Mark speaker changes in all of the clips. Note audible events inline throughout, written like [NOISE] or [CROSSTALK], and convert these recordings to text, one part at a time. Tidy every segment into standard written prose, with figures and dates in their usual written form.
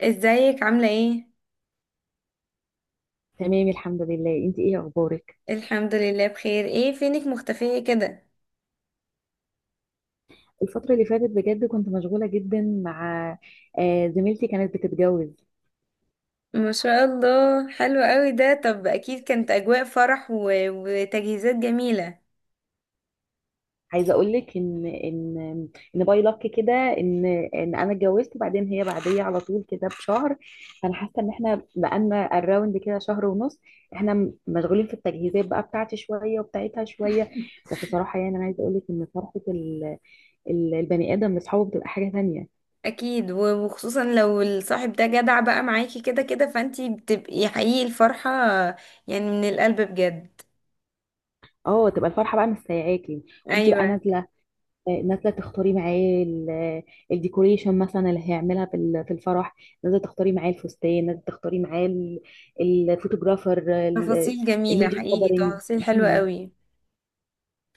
Speaker 1: ازيك عاملة ايه؟
Speaker 2: تمام، الحمد لله. انت ايه اخبارك؟
Speaker 1: الحمد لله بخير، ايه فينك مختفية كده؟
Speaker 2: الفترة اللي فاتت بجد كنت مشغولة جدا مع زميلتي كانت بتتجوز.
Speaker 1: ما شاء الله حلو قوي ده، طب اكيد كانت اجواء فرح وتجهيزات جميلة.
Speaker 2: عايزة اقول لك ان ان باي لك كده ان ان انا اتجوزت، وبعدين هي بعدية على طول كده بشهر. فانا حاسة ان احنا بقالنا الراوند كده شهر ونص. احنا مشغولين في التجهيزات بقى بتاعتي شوية وبتاعتها شوية. بس صراحة يعني انا عايزة اقول لك ان فرحة البني ادم لاصحابه بتبقى حاجة تانية.
Speaker 1: اكيد وخصوصا لو الصاحب ده جدع بقى معاكي كده كده، فانتي بتبقي حقيقي الفرحة يعني من القلب بجد.
Speaker 2: اه، تبقى الفرحة بقى مش سايعاكي، وانت بقى
Speaker 1: ايوه،
Speaker 2: نازله تختاري معاه الديكوريشن مثلا اللي هيعملها في في الفرح، نازله تختاري معاه الفستان، نازله تختاري معاه الفوتوغرافر، ال-
Speaker 1: تفاصيل جميلة
Speaker 2: الميديا
Speaker 1: حقيقي،
Speaker 2: كفرنج.
Speaker 1: تفاصيل حلوة قوي.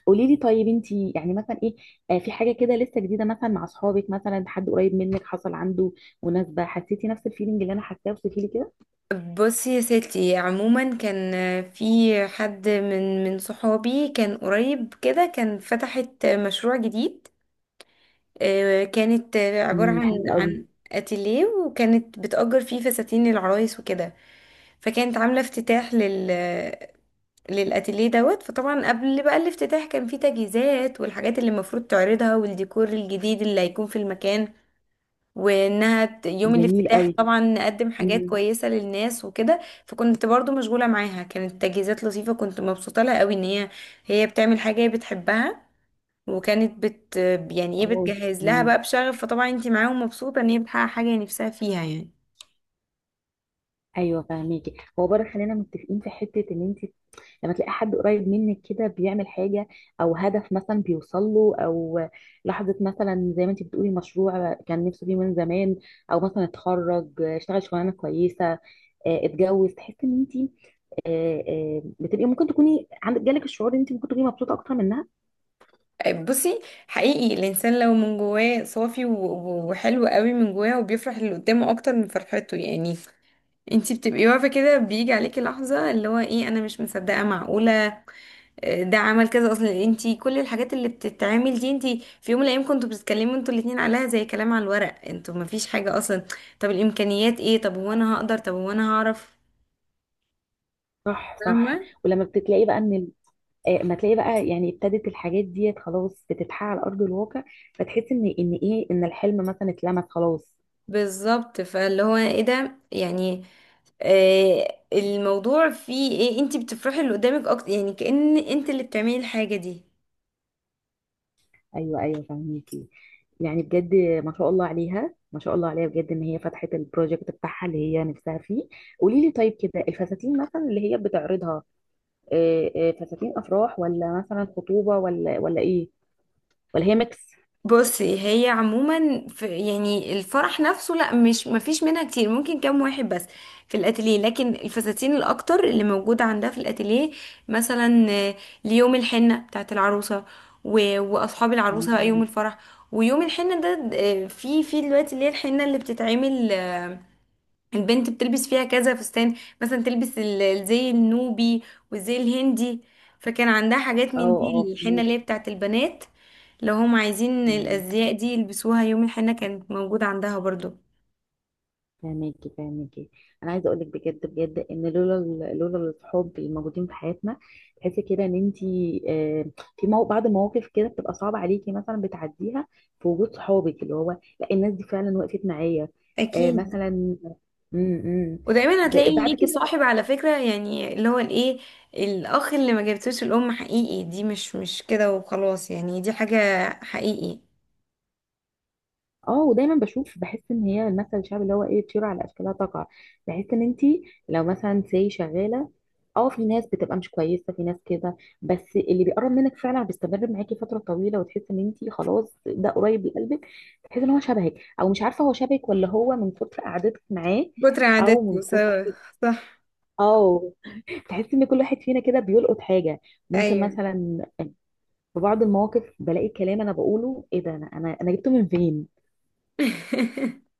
Speaker 2: قولي لي طيب، انت يعني مثلا ايه؟ في حاجه كده لسه جديده، مثلا مع اصحابك، مثلا حد قريب منك حصل عنده مناسبه، حسيتي نفس الفيلينج اللي انا حاساه؟ وصفي لي كده.
Speaker 1: بصي يا ستي، عموما كان في حد من صحابي كان قريب كده، كان فتحت مشروع جديد. كانت عبارة عن
Speaker 2: حلو قوي.
Speaker 1: عن اتيليه، وكانت بتأجر فيه فساتين العرايس وكده. فكانت عاملة افتتاح للاتيليه دوت. فطبعا قبل بقى الافتتاح كان في تجهيزات والحاجات اللي المفروض تعرضها والديكور الجديد اللي هيكون في المكان، وانها يوم
Speaker 2: جميل
Speaker 1: الافتتاح
Speaker 2: قوي.
Speaker 1: طبعا نقدم حاجات
Speaker 2: امم.
Speaker 1: كويسة للناس وكده. فكنت برضو مشغولة معاها، كانت تجهيزات لطيفة، كنت مبسوطة لها قوي ان هي بتعمل حاجة هي بتحبها. وكانت بت يعني ايه،
Speaker 2: اه.
Speaker 1: بتجهز لها بقى
Speaker 2: امم.
Speaker 1: بشغف، فطبعا انتي معاهم مبسوطة ان هي بتحقق حاجة هي نفسها فيها يعني.
Speaker 2: ايوه، فاهميكي. هو بره، خلينا متفقين في حته ان انت لما تلاقي حد قريب منك كده بيعمل حاجة، او هدف مثلا بيوصل له، او لحظة مثلا زي ما انت بتقولي مشروع كان نفسه فيه من زمان، او مثلا اتخرج اشتغل شغلانة كويسة، اتجوز، تحس ان انت بتبقي ممكن تكوني عندك جالك الشعور ان انت ممكن تكوني مبسوطه اكتر منها.
Speaker 1: بصي، حقيقي الانسان لو من جواه صافي وحلو قوي من جواه وبيفرح اللي قدامه اكتر من فرحته، يعني انتي بتبقي واقفه كده، بيجي عليكي لحظه اللي هو ايه، انا مش مصدقه، معقوله ده عمل كذا؟ اصلا انتي كل الحاجات اللي بتتعمل دي، انتي في يوم من الايام كنتوا بتتكلموا انتوا الاتنين عليها زي كلام على الورق، انتوا مفيش حاجة اصلا. طب الامكانيات ايه، طب هو انا هقدر، طب هو انا هعرف.
Speaker 2: صح، صح.
Speaker 1: فاهمة.
Speaker 2: ولما بتلاقي بقى ان ما تلاقي بقى يعني ابتدت الحاجات ديت خلاص بتتحقق على ارض الواقع، فتحس ان ايه، ان الحلم مثلا اتلمس خلاص.
Speaker 1: بالظبط، فاللي هو ايه ده يعني، آه الموضوع فيه ايه، انتي بتفرحي اللي قدامك اكتر، يعني كأن انت اللي بتعملي الحاجة دي.
Speaker 2: ايوه، ايوه، فهميكي. يعني بجد ما شاء الله عليها، ما شاء الله عليها بجد، ان هي فتحت البروجكت بتاعها اللي هي نفسها فيه. قولي لي طيب، كده الفساتين مثلا اللي هي بتعرضها فساتين افراح، ولا مثلا خطوبه، ولا ايه؟ ولا هي ميكس؟
Speaker 1: بصي هي عموما، في يعني الفرح نفسه لا، مش مفيش منها كتير، ممكن كام واحد بس في الاتيليه، لكن الفساتين الاكتر اللي موجوده عندها في الاتيليه مثلا ليوم الحنه بتاعت العروسه، واصحاب العروسه بقى يوم
Speaker 2: تمام.
Speaker 1: الفرح. ويوم الحنه ده في دلوقتي اللي هي الحنه اللي بتتعمل، البنت بتلبس فيها كذا فستان، مثلا تلبس الزي النوبي والزي الهندي. فكان عندها حاجات
Speaker 2: اه،
Speaker 1: من
Speaker 2: اه.
Speaker 1: دي، الحنة اللي هي بتاعت البنات، لو هم عايزين
Speaker 2: فهميكي.
Speaker 1: الأزياء دي يلبسوها يوم الحنة كانت موجودة عندها برضو.
Speaker 2: فاهماكي، فاهماكي. انا عايزه اقول لك بجد بجد ان لولا الصحاب الموجودين في حياتنا، تحسي كده ان انت آه، في مو بعض المواقف كده بتبقى صعبه عليكي مثلا بتعديها في وجود صحابك، اللي هو: لا، الناس دي فعلا وقفت معايا.
Speaker 1: أكيد،
Speaker 2: مثلا م- م.
Speaker 1: ودايما هتلاقي
Speaker 2: بعد
Speaker 1: ليكي
Speaker 2: كده.
Speaker 1: صاحب على فكرة، يعني اللي هو الايه، الأخ اللي ما جابتوش الأم، حقيقي دي مش مش كده وخلاص يعني، دي حاجة حقيقي.
Speaker 2: اه. ودايما بشوف بحس ان هي المثل الشعبي اللي هو ايه: طيور على اشكالها تقع. بحس ان انت لو مثلا سي شغاله، اه، في ناس بتبقى مش كويسه، في ناس كده، بس اللي بيقرب منك فعلا بيستمر معاكي فتره طويله، وتحس ان انت خلاص ده قريب لقلبك، تحس ان هو شبهك، او مش عارفه هو شبهك ولا هو من كتر قعدتك معاه،
Speaker 1: كتر
Speaker 2: او
Speaker 1: عاداتكم
Speaker 2: من كتر.
Speaker 1: سوا. صح.
Speaker 2: اه. تحس ان كل واحد فينا كده بيلقط حاجه. ممكن
Speaker 1: أيوه.
Speaker 2: مثلا في بعض المواقف بلاقي كلام انا بقوله، ايه ده، انا أنا جبته من فين؟
Speaker 1: [LAUGHS]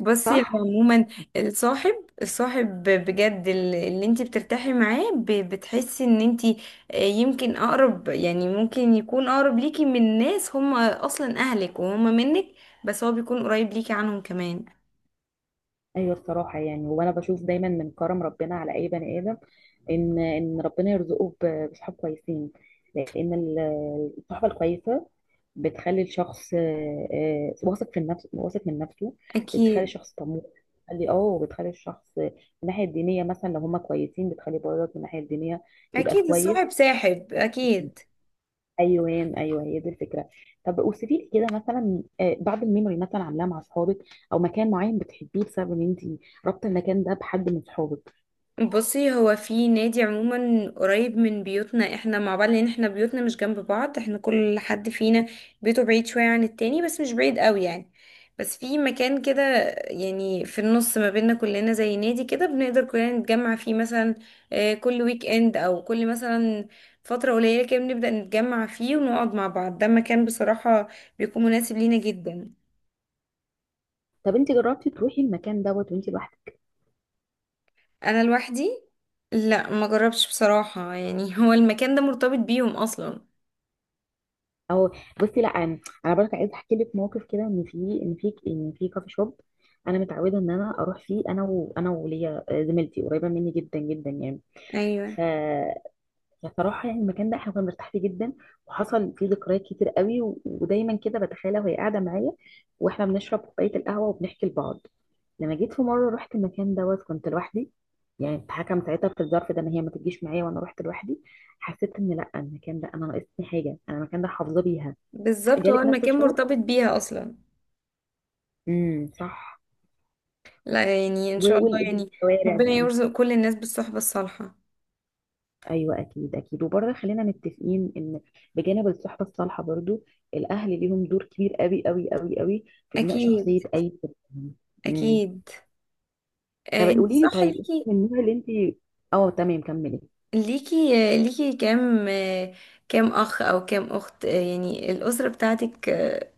Speaker 1: بصي هو
Speaker 2: صح.
Speaker 1: عموما الصاحب، الصاحب بجد اللي انت بترتاحي معاه، بتحسي ان انت يمكن اقرب، يعني ممكن يكون اقرب ليكي من ناس هم اصلا اهلك وهم منك، بس هو بيكون قريب ليكي عنهم كمان.
Speaker 2: ايوه، الصراحه يعني، وانا بشوف دايما من كرم ربنا على اي بني ادم ان ربنا يرزقه بصحاب كويسين، لان الصحبه الكويسه بتخلي الشخص واثق في النفس، واثق من نفسه. بتخلي
Speaker 1: اكيد،
Speaker 2: الشخص طموح. بتخلي الشخص من الناحيه الدينيه مثلا، لو هما كويسين بتخلي برضك من الناحيه الدينيه يبقى
Speaker 1: اكيد
Speaker 2: كويس.
Speaker 1: الصاحب ساحب اكيد.
Speaker 2: ايوه. ايوه، هي دي الفكره. طب اوصفي لي كده مثلا بعض الميموري مثلا عاملاه مع اصحابك، او مكان معين بتحبيه بسبب ان انت رابطه المكان ده بحد من اصحابك.
Speaker 1: بصي هو في نادي عموما قريب من بيوتنا، احنا مع بعض، لان احنا بيوتنا مش جنب بعض، احنا كل حد فينا بيته بعيد شوية عن التاني، بس مش بعيد قوي يعني. بس في مكان كده، يعني في النص ما بيننا كلنا، زي نادي كده، بنقدر كلنا نتجمع فيه مثلا. كل ويك اند، او كل مثلا فترة قليلة كده بنبدأ نتجمع فيه ونقعد مع بعض. ده مكان بصراحة بيكون مناسب لينا جدا.
Speaker 2: طب انت جربتي تروحي المكان دوت وانت لوحدك؟
Speaker 1: انا لوحدي، لا ما جربش بصراحة يعني. [LAUGHS] هو المكان ده مرتبط بيهم اصلا.
Speaker 2: او. بصي، لا، انا برضه عايزه احكي لك موقف كده، ان في كافي شوب انا متعوده ان انا اروح فيه انا، وليا زميلتي قريبه مني جدا جدا،
Speaker 1: ايوه،
Speaker 2: يعني. بصراحة يعني المكان ده احنا كنا مرتاح فيه جدا، وحصل فيه ذكريات كتير قوي، و- ودايما كده بتخيلها وهي قاعدة معايا، واحنا بنشرب كوباية القهوة وبنحكي لبعض. لما جيت في مرة رحت المكان دوت كنت لوحدي، يعني اتحكم ساعتها في الظرف ده ان هي ما تجيش معايا، وانا رحت لوحدي، حسيت ان لا، المكان ده انا ناقصني حاجة، انا المكان ده حافظة بيها.
Speaker 1: بالظبط، هو
Speaker 2: جالك نفس
Speaker 1: المكان
Speaker 2: الشعور؟
Speaker 1: مرتبط بيها اصلا.
Speaker 2: امم، صح.
Speaker 1: لا يعني ان شاء الله يعني،
Speaker 2: والشوارع
Speaker 1: ربنا
Speaker 2: بقى.
Speaker 1: يرزق كل الناس بالصحبة الصالحة.
Speaker 2: ايوه، اكيد، اكيد. وبرضه خلينا متفقين ان بجانب الصحبه الصالحه برضه، الاهل ليهم دور كبير قوي قوي قوي قوي في بناء
Speaker 1: اكيد،
Speaker 2: شخصيه اي طفل. امم.
Speaker 1: اكيد.
Speaker 2: طب
Speaker 1: آه انت
Speaker 2: قولي لي
Speaker 1: صح
Speaker 2: طيب، انت
Speaker 1: ليكي،
Speaker 2: من النوع اللي انت. اه، تمام، كملي.
Speaker 1: ليكي ليكي كام كام اخ او كام اخت، يعني الاسرة بتاعتك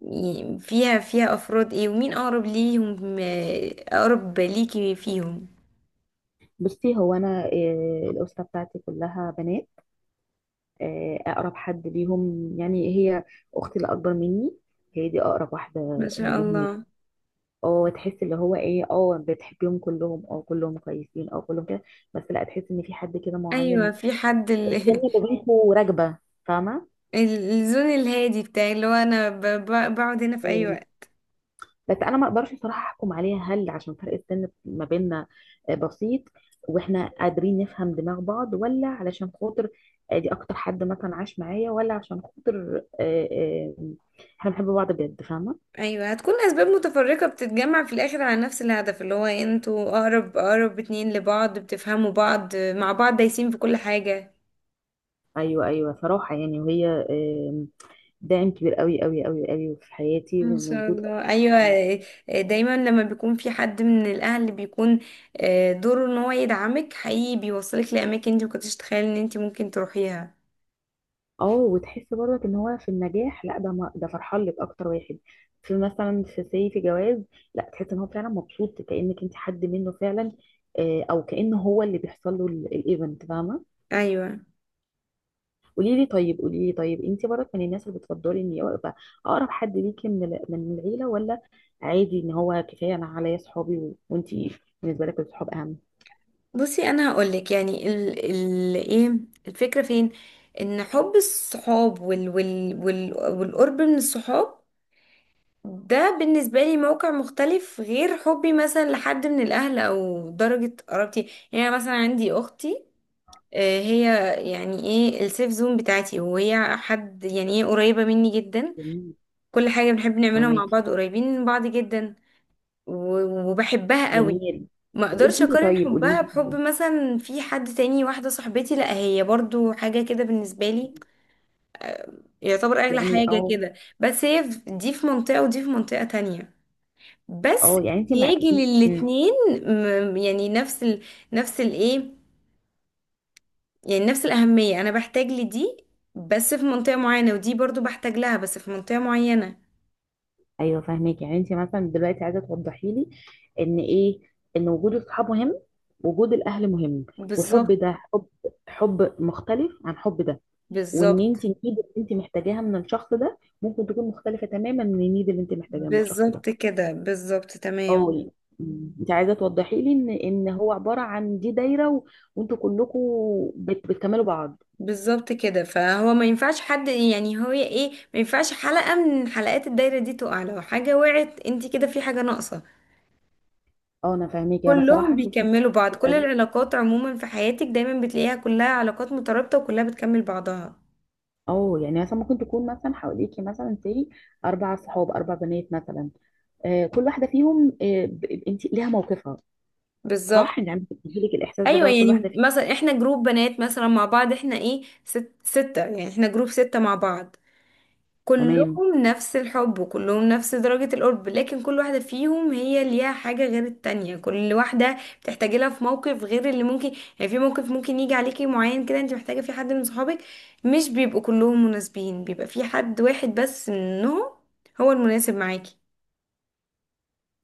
Speaker 1: يعني فيها افراد ايه، ومين اقرب ليهم، اقرب ليكي فيهم.
Speaker 2: بصي هو انا الاسره بتاعتي كلها بنات. اقرب حد ليهم يعني هي اختي الاكبر مني، هي دي اقرب واحده
Speaker 1: ما شاء
Speaker 2: ليهم.
Speaker 1: الله.
Speaker 2: اه، تحس اللي هو ايه، اه بتحبيهم كلهم، اه كلهم كويسين، اه كلهم كده، بس لا، تحس ان في حد كده
Speaker 1: ايوه
Speaker 2: معين
Speaker 1: في حد
Speaker 2: كأن لغته راكبه، فاهمه؟
Speaker 1: [LAUGHS] الزون الهادي بتاعي، اللي هو انا بقعد هنا في اي
Speaker 2: أم،
Speaker 1: وقت.
Speaker 2: بس انا ما اقدرش صراحه احكم عليها، هل عشان فرق السن ما بيننا بسيط واحنا قادرين نفهم دماغ بعض، ولا علشان خاطر دي اكتر حد مثلا عاش معايا، ولا عشان خاطر احنا بنحب بعض بجد، فاهمه؟
Speaker 1: ايوه، هتكون اسباب متفرقه بتتجمع في الاخر على نفس الهدف، اللي هو انتوا اقرب، اقرب اتنين لبعض، بتفهموا بعض، مع بعض دايسين في كل حاجه.
Speaker 2: ايوه، ايوه، صراحه يعني، وهي آم، داعم كبير قوي قوي قوي قوي في حياتي،
Speaker 1: ان
Speaker 2: وان
Speaker 1: شاء
Speaker 2: وجود.
Speaker 1: الله ايوه. دايما لما بيكون في حد من الاهل اللي بيكون دوره ان هو يدعمك، حقيقي بيوصلك لاماكن انت مكنتش تتخيل ان انت ممكن تروحيها.
Speaker 2: اه، وتحس برضك ان هو في النجاح، لا ده، ما ده فرحان لك اكتر واحد، في مثلا في سي في جواز، لا، تحس ان هو فعلا مبسوط كانك انت حد منه فعلا، او كان هو اللي بيحصل له الايفنت، فاهمه؟
Speaker 1: ايوه.
Speaker 2: قولي لي طيب انت برضك من الناس اللي بتفضلي ان يبقى اقرب حد ليكي من من العيله، ولا عادي ان هو كفايه انا عليا صحابي؟ و- وانت بالنسبه لك الصحاب اهم؟
Speaker 1: بصي انا هقولك، يعني ال ايه، الفكره فين، ان حب الصحاب وال والقرب من الصحاب ده بالنسبة لي موقع مختلف غير حبي مثلا لحد من الأهل أو درجة قرابتي. يعني أنا مثلا عندي أختي، هي يعني ايه السيف زون بتاعتي، وهي حد يعني ايه قريبة مني جدا.
Speaker 2: جميل.
Speaker 1: كل حاجة بنحب نعملها مع
Speaker 2: فاهماكي.
Speaker 1: بعض، قريبين من بعض جدا، وبحبها قوي.
Speaker 2: جميل.
Speaker 1: ما
Speaker 2: قولي
Speaker 1: اقدرش
Speaker 2: لي
Speaker 1: اقارن
Speaker 2: طيب قولي
Speaker 1: حبها
Speaker 2: لي
Speaker 1: بحب مثلا في حد تاني. واحدة صاحبتي لا هي برضو حاجة كده بالنسبة لي، يعتبر اغلى
Speaker 2: يعني
Speaker 1: حاجة
Speaker 2: اه.
Speaker 1: كده. بس هي دي في منطقة ودي في منطقة تانية، بس
Speaker 2: اه، يعني انت مع
Speaker 1: احتياجي
Speaker 2: إيه؟ إمم.
Speaker 1: للاتنين يعني نفس نفس الايه، يعني نفس الأهمية، انا بحتاج لدي بس في منطقة معينة، ودي برضو بحتاج لها بس في منطقة معينة.
Speaker 2: ايوه، فاهمك. يعني انت مثلا دلوقتي عايزه توضحي لي ان ايه، ان وجود الصحاب مهم، وجود الاهل مهم،
Speaker 1: بالظبط.
Speaker 2: وحب ده حب، حب مختلف عن حب ده، وان
Speaker 1: بالظبط.
Speaker 2: انت النيد اللي انت محتاجاها من الشخص ده ممكن تكون مختلفه تماما من النيد اللي انت محتاجاها من الشخص ده.
Speaker 1: بالظبط كده، بالظبط تمام.
Speaker 2: اه، يعني. مم. انت عايزه توضحي لي ان هو عباره عن دي دايره، وانتوا كلكم بتكملوا بعض.
Speaker 1: بالظبط كده، فهو ما ينفعش حد، يعني هو ايه، ما ينفعش حلقة من حلقات الدايرة دي تقع، لو حاجة وقعت انت كده في حاجة ناقصة.
Speaker 2: اه، انا فاهمك. انا
Speaker 1: كلهم
Speaker 2: صراحه شفت انت
Speaker 1: بيكملوا بعض، كل
Speaker 2: بتقابلي،
Speaker 1: العلاقات عموما في حياتك دايما بتلاقيها كلها علاقات مترابطة وكلها بتكمل بعضها.
Speaker 2: اه، يعني مثلا ممكن تكون مثلا حواليكي مثلا سي اربع صحاب، اربع بنات مثلا، كل واحده فيهم انت ليها موقفها،
Speaker 1: بالظبط.
Speaker 2: صح؟ يعني عم بتديلك الاحساس ده
Speaker 1: ايوه،
Speaker 2: لو كل
Speaker 1: يعني
Speaker 2: واحده فيهم.
Speaker 1: مثلا احنا جروب بنات مثلا مع بعض، احنا ايه، ست ستة، يعني احنا جروب ستة مع بعض،
Speaker 2: تمام.
Speaker 1: كلهم نفس الحب وكلهم نفس درجة القرب، لكن كل واحدة فيهم هي ليها حاجة غير التانية، كل واحدة بتحتاجي لها في موقف غير اللي ممكن، يعني في موقف ممكن يجي عليكي معين كده انت محتاجة في حد من صحابك، مش بيبقوا كلهم مناسبين، بيبقى في حد واحد بس منهم هو المناسب معاكي.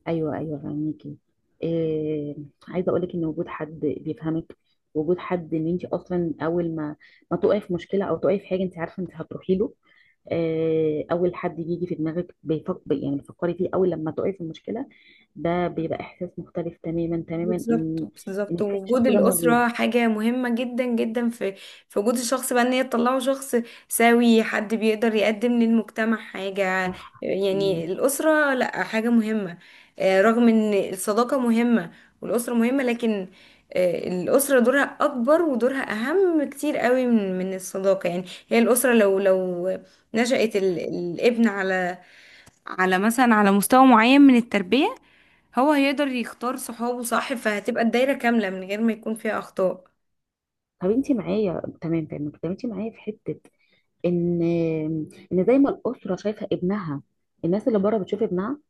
Speaker 2: ايوه، ايوه، فاهميكي. آه، عايزه اقول لك ان وجود حد بيفهمك، وجود حد ان انت اصلا اول ما تقعي في مشكله او تقعي في حاجه انت عارفه انت هتروحي له، اول حد بيجي في دماغك بيفكر، يعني بتفكري فيه اول لما تقعي في المشكله، ده بيبقى احساس مختلف تماما تماما،
Speaker 1: بالظبط،
Speaker 2: ان
Speaker 1: بالظبط،
Speaker 2: كفايه
Speaker 1: ووجود
Speaker 2: الشخص ده موجود.
Speaker 1: الأسرة حاجة مهمة جدا جدا، في في وجود الشخص بقى، ان هي تطلعه شخص سوي، حد بيقدر يقدم للمجتمع حاجة.
Speaker 2: صح. مم.
Speaker 1: يعني الأسرة لأ، حاجة مهمة. رغم ان الصداقة مهمة والأسرة مهمة، لكن الأسرة دورها أكبر، ودورها أهم كتير قوي من الصداقة. يعني هي الأسرة لو لو نشأت الابن على، على مثلا على مستوى معين من التربية، هو هيقدر يختار صحابه صح، فهتبقى الدايرة كاملة من غير ما يكون فيها أخطاء.
Speaker 2: طب انت معايا، تمام، تمام. طب انت معايا في حته ان زي ما الاسره شايفه ابنها، الناس اللي بره بتشوف ابنها،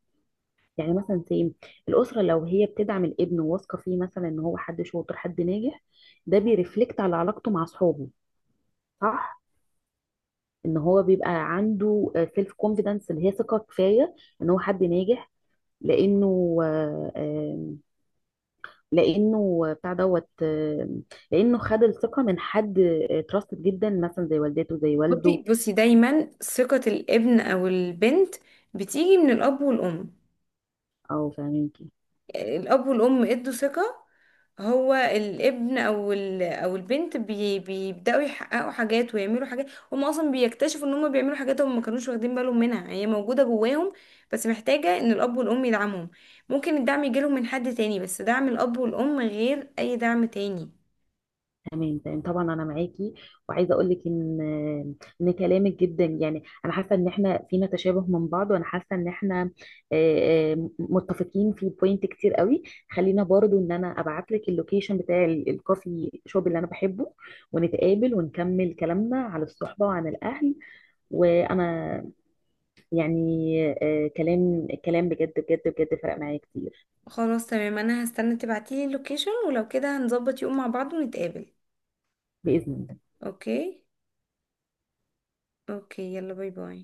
Speaker 2: يعني مثلا سي الاسره لو هي بتدعم الابن وواثقه فيه مثلا ان هو حد شاطر حد ناجح، ده بيرفلكت على علاقته مع اصحابه، صح، ان هو بيبقى عنده سيلف كونفيدنس اللي هي ثقه كفايه ان هو حد ناجح، لانه لانه بتاع دوت لانه خد الثقه من حد تراستد جدا مثلا زي والدته زي والده،
Speaker 1: بصي دايما ثقة الابن أو البنت بتيجي من الأب والأم.
Speaker 2: او فاهمين.
Speaker 1: الأب والأم ادوا ثقة، هو الابن أو البنت بيبدأوا يحققوا حاجات ويعملوا حاجات، هم أصلا بيكتشفوا إن هم بيعملوا حاجات هم ما كانوش واخدين بالهم منها، هي موجودة جواهم، بس محتاجة إن الأب والأم يدعمهم. ممكن الدعم يجيلهم من حد تاني، بس دعم الأب والأم غير أي دعم تاني.
Speaker 2: تمام، تمام، طبعا انا معاكي. وعايزه اقول لك ان كلامك جدا يعني انا حاسه ان احنا فينا تشابه من بعض، وانا حاسه ان احنا متفقين في بوينت كتير قوي. خلينا برضو ان انا ابعت لك اللوكيشن بتاع الكوفي شوب اللي انا بحبه، ونتقابل ونكمل كلامنا على الصحبه وعن الاهل. وانا يعني كلام كلام بجد بجد بجد فرق معايا كتير.
Speaker 1: خلاص تمام، انا هستنى تبعتيلي اللوكيشن، ولو كده هنظبط يوم مع بعض ونتقابل.
Speaker 2: باذن الله.
Speaker 1: اوكي، اوكي، يلا باي باي.